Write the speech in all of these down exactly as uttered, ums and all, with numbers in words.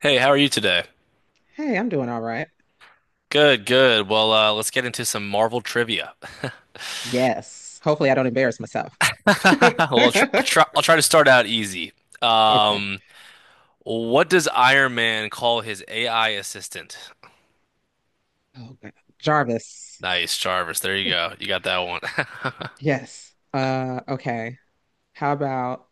Hey, how are you today? Hey, I'm doing all right. Good, good. Well, uh, let's get into some Marvel trivia. Yes. Hopefully, I don't embarrass myself. Well, I'll try, I'll try, I'll try to start out easy. Okay. Um, what does Iron Man call his A I assistant? Oh, God. Jarvis. Nice, Jarvis. There you go. You got that one. Yes. Uh, okay. How about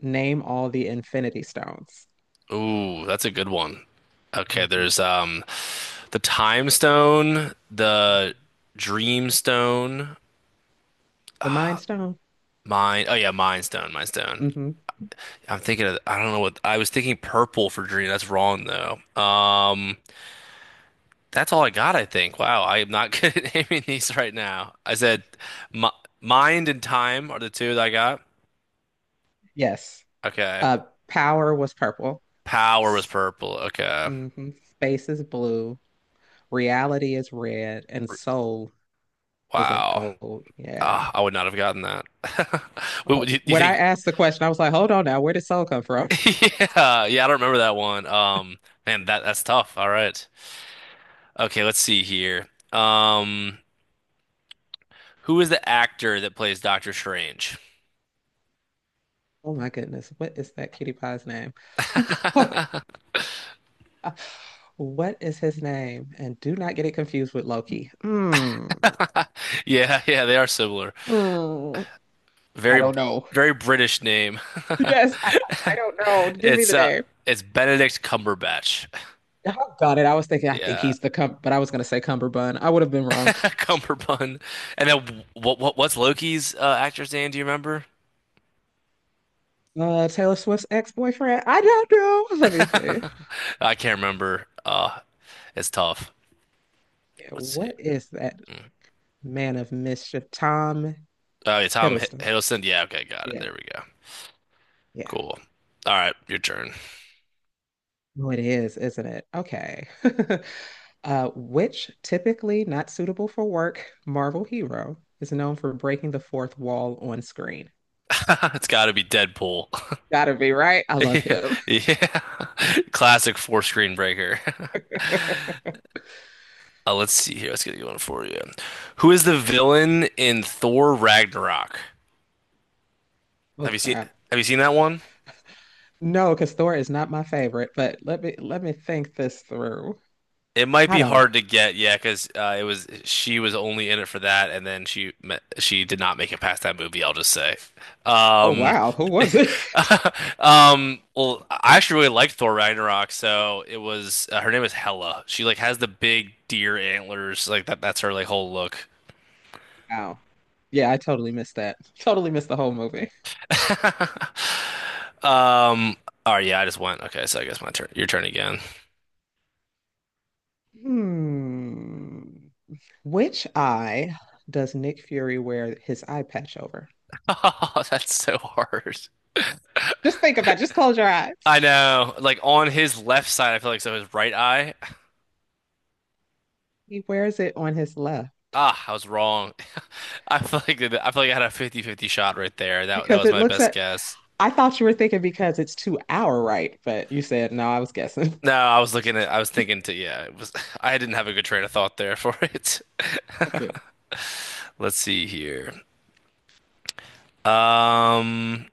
name all the Infinity Stones? Ooh, that's a good one. Okay, Mhm. there's um the Time Stone, the Dream Stone, The Mind Stone. Mind. Oh yeah, Mind Stone, Mind Stone. Hmm. I'm thinking of, I don't know what I was thinking purple for dream. That's wrong though. Um That's all I got, I think. Wow, I am not good at naming these right now. I said mi mind and time are the two that I got. Yes. Okay. Uh, power was purple. Power was purple. Okay. Hmm. Space is blue. Reality is red, and R- soul is like Wow. gold. Yeah. Ah, I would not have gotten that. What would you, Oh, you when I think? asked the question, I was like, "Hold on now, where did soul come from?" Yeah, yeah, I don't remember that one. Um, man, that that's tough. All right. Okay, let's see here. Um, who is the actor that plays Doctor Strange? Oh my goodness, what is that cutie pie's name? What is his name? And do not get it confused with Loki. Mm. Yeah, yeah, they are similar. Mm. I Very, don't know. very British name. Yes, I, I don't know. Give me It's the uh name. it's Benedict Cumberbatch. Oh, got it. I was thinking, I think Yeah. he's the cum, but I was gonna say Cumberbund. I would have been wrong. Cumberbun. And then what what what's Loki's uh, actor's name? Do you remember? Uh, Taylor Swift's ex-boyfriend. I don't know. Let me see. I can't remember. Uh it's tough. Yeah, Let's see. what is that man of mischief? Tom Oh, yeah, Tom Hi- Hiddleston. Hiddleston. Yeah, okay, got it. Yeah. There we go. Yeah. Cool. All right, your turn. Oh, it is, isn't it? Okay. Uh, which typically not suitable for work Marvel hero is known for breaking the fourth wall on screen? It's got to be Deadpool. Gotta be right. I love Yeah, him. yeah. Classic four screen breaker. Uh, let's see here. Let's get a good one for you. Who is the villain in Thor Ragnarok? Oh Have you seen crap. Have you seen that one? No, because Thor is not my favorite, but let me let me think this through. It might I be don't know. hard to get, yeah, because uh, it was she was only in it for that, and then she me- she did not make it past that movie. I'll just say, Oh um, wow, who was it? um, well, I actually really liked Thor Ragnarok, so it was uh, her name is Hela. She like has the big deer antlers, like that. That's her like whole look. Wow. Yeah, I totally missed that. Totally missed the whole movie. Um, oh yeah, I just went. Okay, so I guess my turn. Your turn again. Hmm. Which eye does Nick Fury wear his eye patch over? Oh, that's so hard. Just think about it. Just close your eyes. I know, like on his left side, I feel like so his right eye. He wears it on his left Ah, I was wrong. I feel like that- I feel like I had a fifty-fifty shot right there. That that because was it my looks best at. guess. I thought you were thinking because it's to our right, but you said no. I was guessing. No, I was looking at I was thinking to yeah, it was I didn't have a good train of thought there for it. Okay. Let's see here. Um,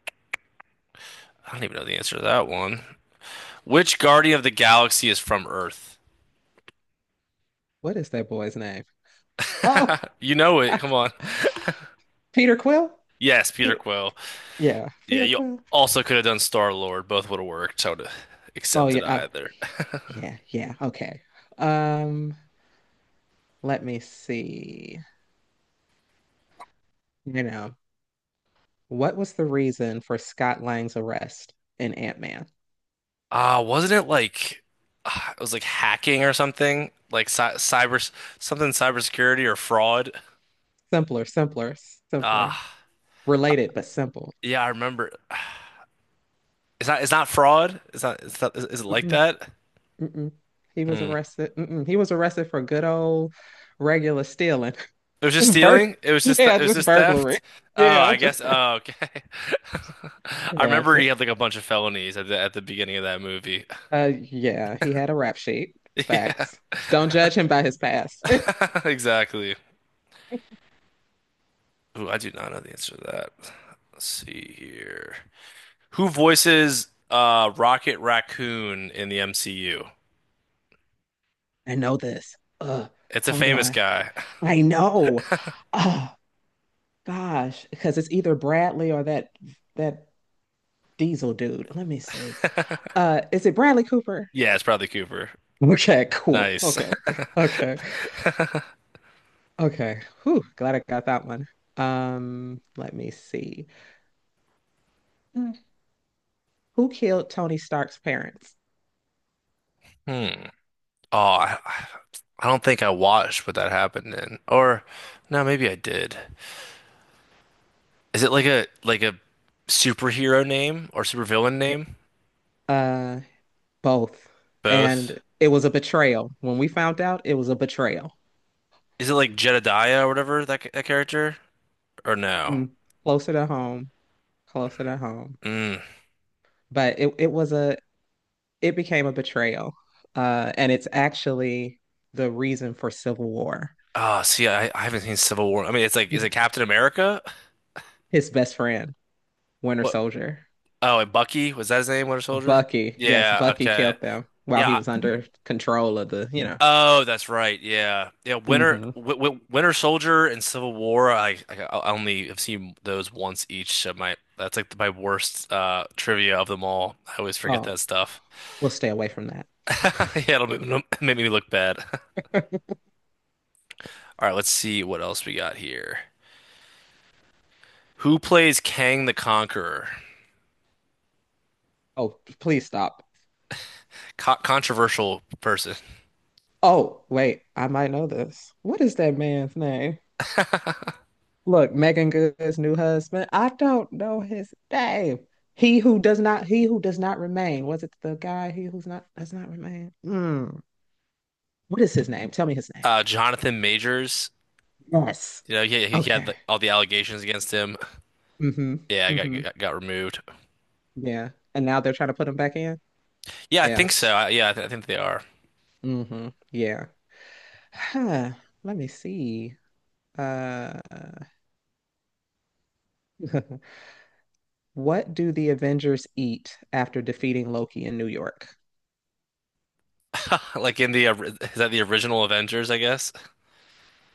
I don't even know the answer to that one. Which Guardian of the Galaxy is from Earth? What is that boy's name? Oh, You know it. Come on. Peter Quill. Yes, Peter Peter. Quill. Yeah, Yeah, Peter you Quill. also could have done Star Lord. Both would have worked. I would have Oh accepted yeah. Oh, either. yeah. Yeah. Okay. Um. Let me see. You know what was the reason for Scott Lang's arrest in Ant Man? Uh, wasn't it like uh, it was like hacking or something? Like cy cyber something cybersecurity or fraud? Simpler, simpler, Uh, simpler. Related but simple. yeah, I remember. It's not it's not fraud. It's not it's not is, is it like Mm-mm. that? Mm-mm. He was Hmm. arrested. Mm-mm. He was arrested for good old regular stealing. It was just Bur stealing? It was just th yeah, it was just just burglary. theft? Oh, Yeah, I just guess. bur Oh, okay. I yeah, remember he just had like a bunch of felonies at the at the beginning of that movie. uh yeah, he had a rap sheet. Yeah. Facts. Don't judge him by his past. Exactly. Ooh, I do not know the answer to that. Let's see here. Who voices uh Rocket Raccoon in the M C U? I know this. Uh, It's a hold famous on. guy. I know. Oh gosh, because it's either Bradley or that that Diesel dude. Let me see. Uh, is it Bradley Cooper? Yeah, it's probably Cooper. Okay, cool. Nice. Okay. Okay. Okay. Whew, glad I got that one. Um, let me see. Hmm. Who killed Tony Stark's parents? Hmm. Oh, I, I don't think I watched what that happened in. Or no, maybe I did. Is it like a like a superhero name or supervillain Yeah. name? Uh, both. Both. And it was a betrayal. When we found out, it was a betrayal. Is it like Jedediah or whatever that that character? Or no? Mm-mm. Closer to home, closer to home. Mm. But it it was a it became a betrayal. Uh, and it's actually the reason for Civil War. Oh, see, I, I haven't seen Civil War. I mean, it's like is You- it Captain America? His best friend, Winter What Soldier. Oh, and Bucky, was that his name, Winter Soldier? Bucky, yes, Yeah, Bucky okay. killed them while he Yeah. was I- under control of the, you know. Oh, that's right. Yeah. Yeah, Winter Hmm. w w Winter Soldier and Civil War, I, I I only have seen those once each, so my that's like my worst uh trivia of them all. I always forget Oh, that stuff. we'll stay away from that. Yeah, it'll make, it'll make me look bad. All right, let's see what else we got here. Who plays Kang the Conqueror? Oh, please stop. Co Controversial person. Oh, wait, I might know this. What is that man's name? Look, Megan Good's new husband. I don't know his name. He who does not, he who does not remain. Was it the guy? He who's not does not remain. Mm. What is his name? Tell me his name. Uh Jonathan Majors. Yes. You know, he, he had Okay. the, all the allegations against him. Mm-hmm. Yeah, I got, Mm-hmm. got got removed. Yeah. And now they're trying to put him back in. Yeah, I Yeah. think so. T- I, yeah, I, th I think they are. Mm-hmm. Yeah. Huh. Let me see. Uh, what do the Avengers eat after defeating Loki in New York? Like in the ori- is that the original Avengers, I guess?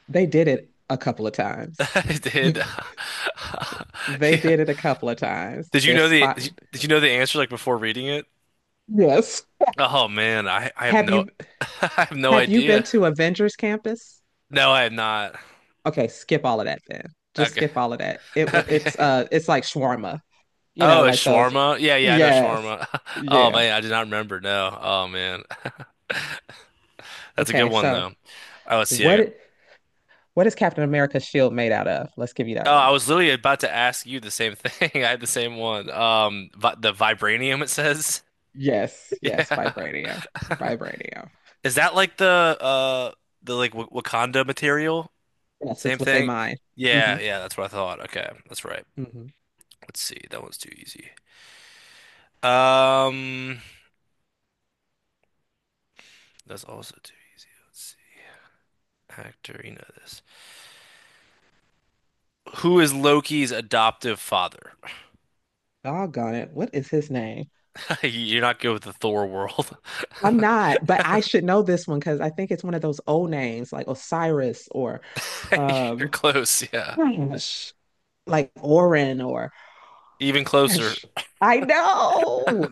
They did it a couple of times. I Did They yeah. did it a couple of times. Did you They're know the did you, spotted. did you know the answer like before reading it? Yes. Oh man, I I have Have no you I have no have you been idea. to Avengers Campus? No, I have not. Okay, skip all of that then. Just Okay. skip all of that. It wa- it's Okay. uh it's like shawarma, you know, Oh, it's like those. shawarma. Yeah, yeah, I know Yes. shawarma. Oh Yeah. man, I did not remember. No. Oh man. That's a good Okay, one so though. Oh, let's see. I what What is Captain America's shield made out of? Let's give you Oh, that one. I was literally about to ask you the same thing. I had the same one. Um, vi the vibranium it says. Yes, yes, Yeah. vibranium, vibranium. Is that like the uh the like w Wakanda material? Yes, Same it's what they thing? mine. Mm-hmm. Yeah, yeah, that's what I thought. Okay, that's right. Mm-hmm. Let's see. That one's too easy. Um, that's also too easy. Let's see. Actor, you know this. Who is Loki's adoptive father? Doggone it. What is his name? You're not good with the Thor world. I'm not, but I should know this one because I think it's one of those old names like Osiris or You're um close, yeah. gosh, like Orin or Even closer. gosh, I know.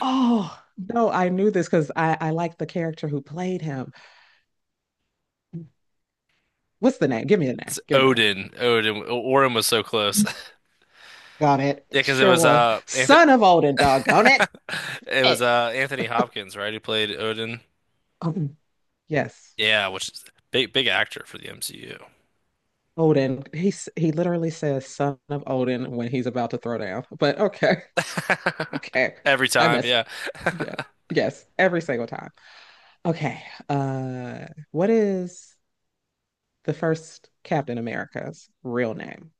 Oh no, I knew this because I, I like the character who played him. What's the name? Give me the name. It's Give me the name. Odin. Odin. Orin was so close. Got it. Yeah, It because it sure was was. uh Anthony Son of Odin, doggone it. it was it. uh Anthony Hopkins, right? Who played Odin. Um, yes, Yeah, which is big big actor for the M C U. Odin. He, s- he literally says son of Odin when he's about to throw down. But okay, okay. Every I time, messed up. yeah. Yeah. Yes, every single time. Okay. Uh, what is the first Captain America's real name?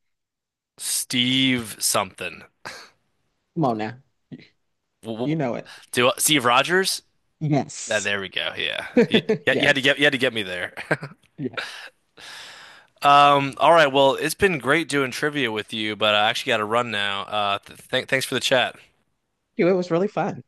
Steve something. Come on now. W- w- You know it. Do Steve Rogers? Yeah, Yes. there we go. Yeah. You, you had to get Yes. you had to get me there. Yes. Um, all right, well, it's been great doing trivia with you, but I actually got to run now. Uh, th thanks for the chat. It was really fun.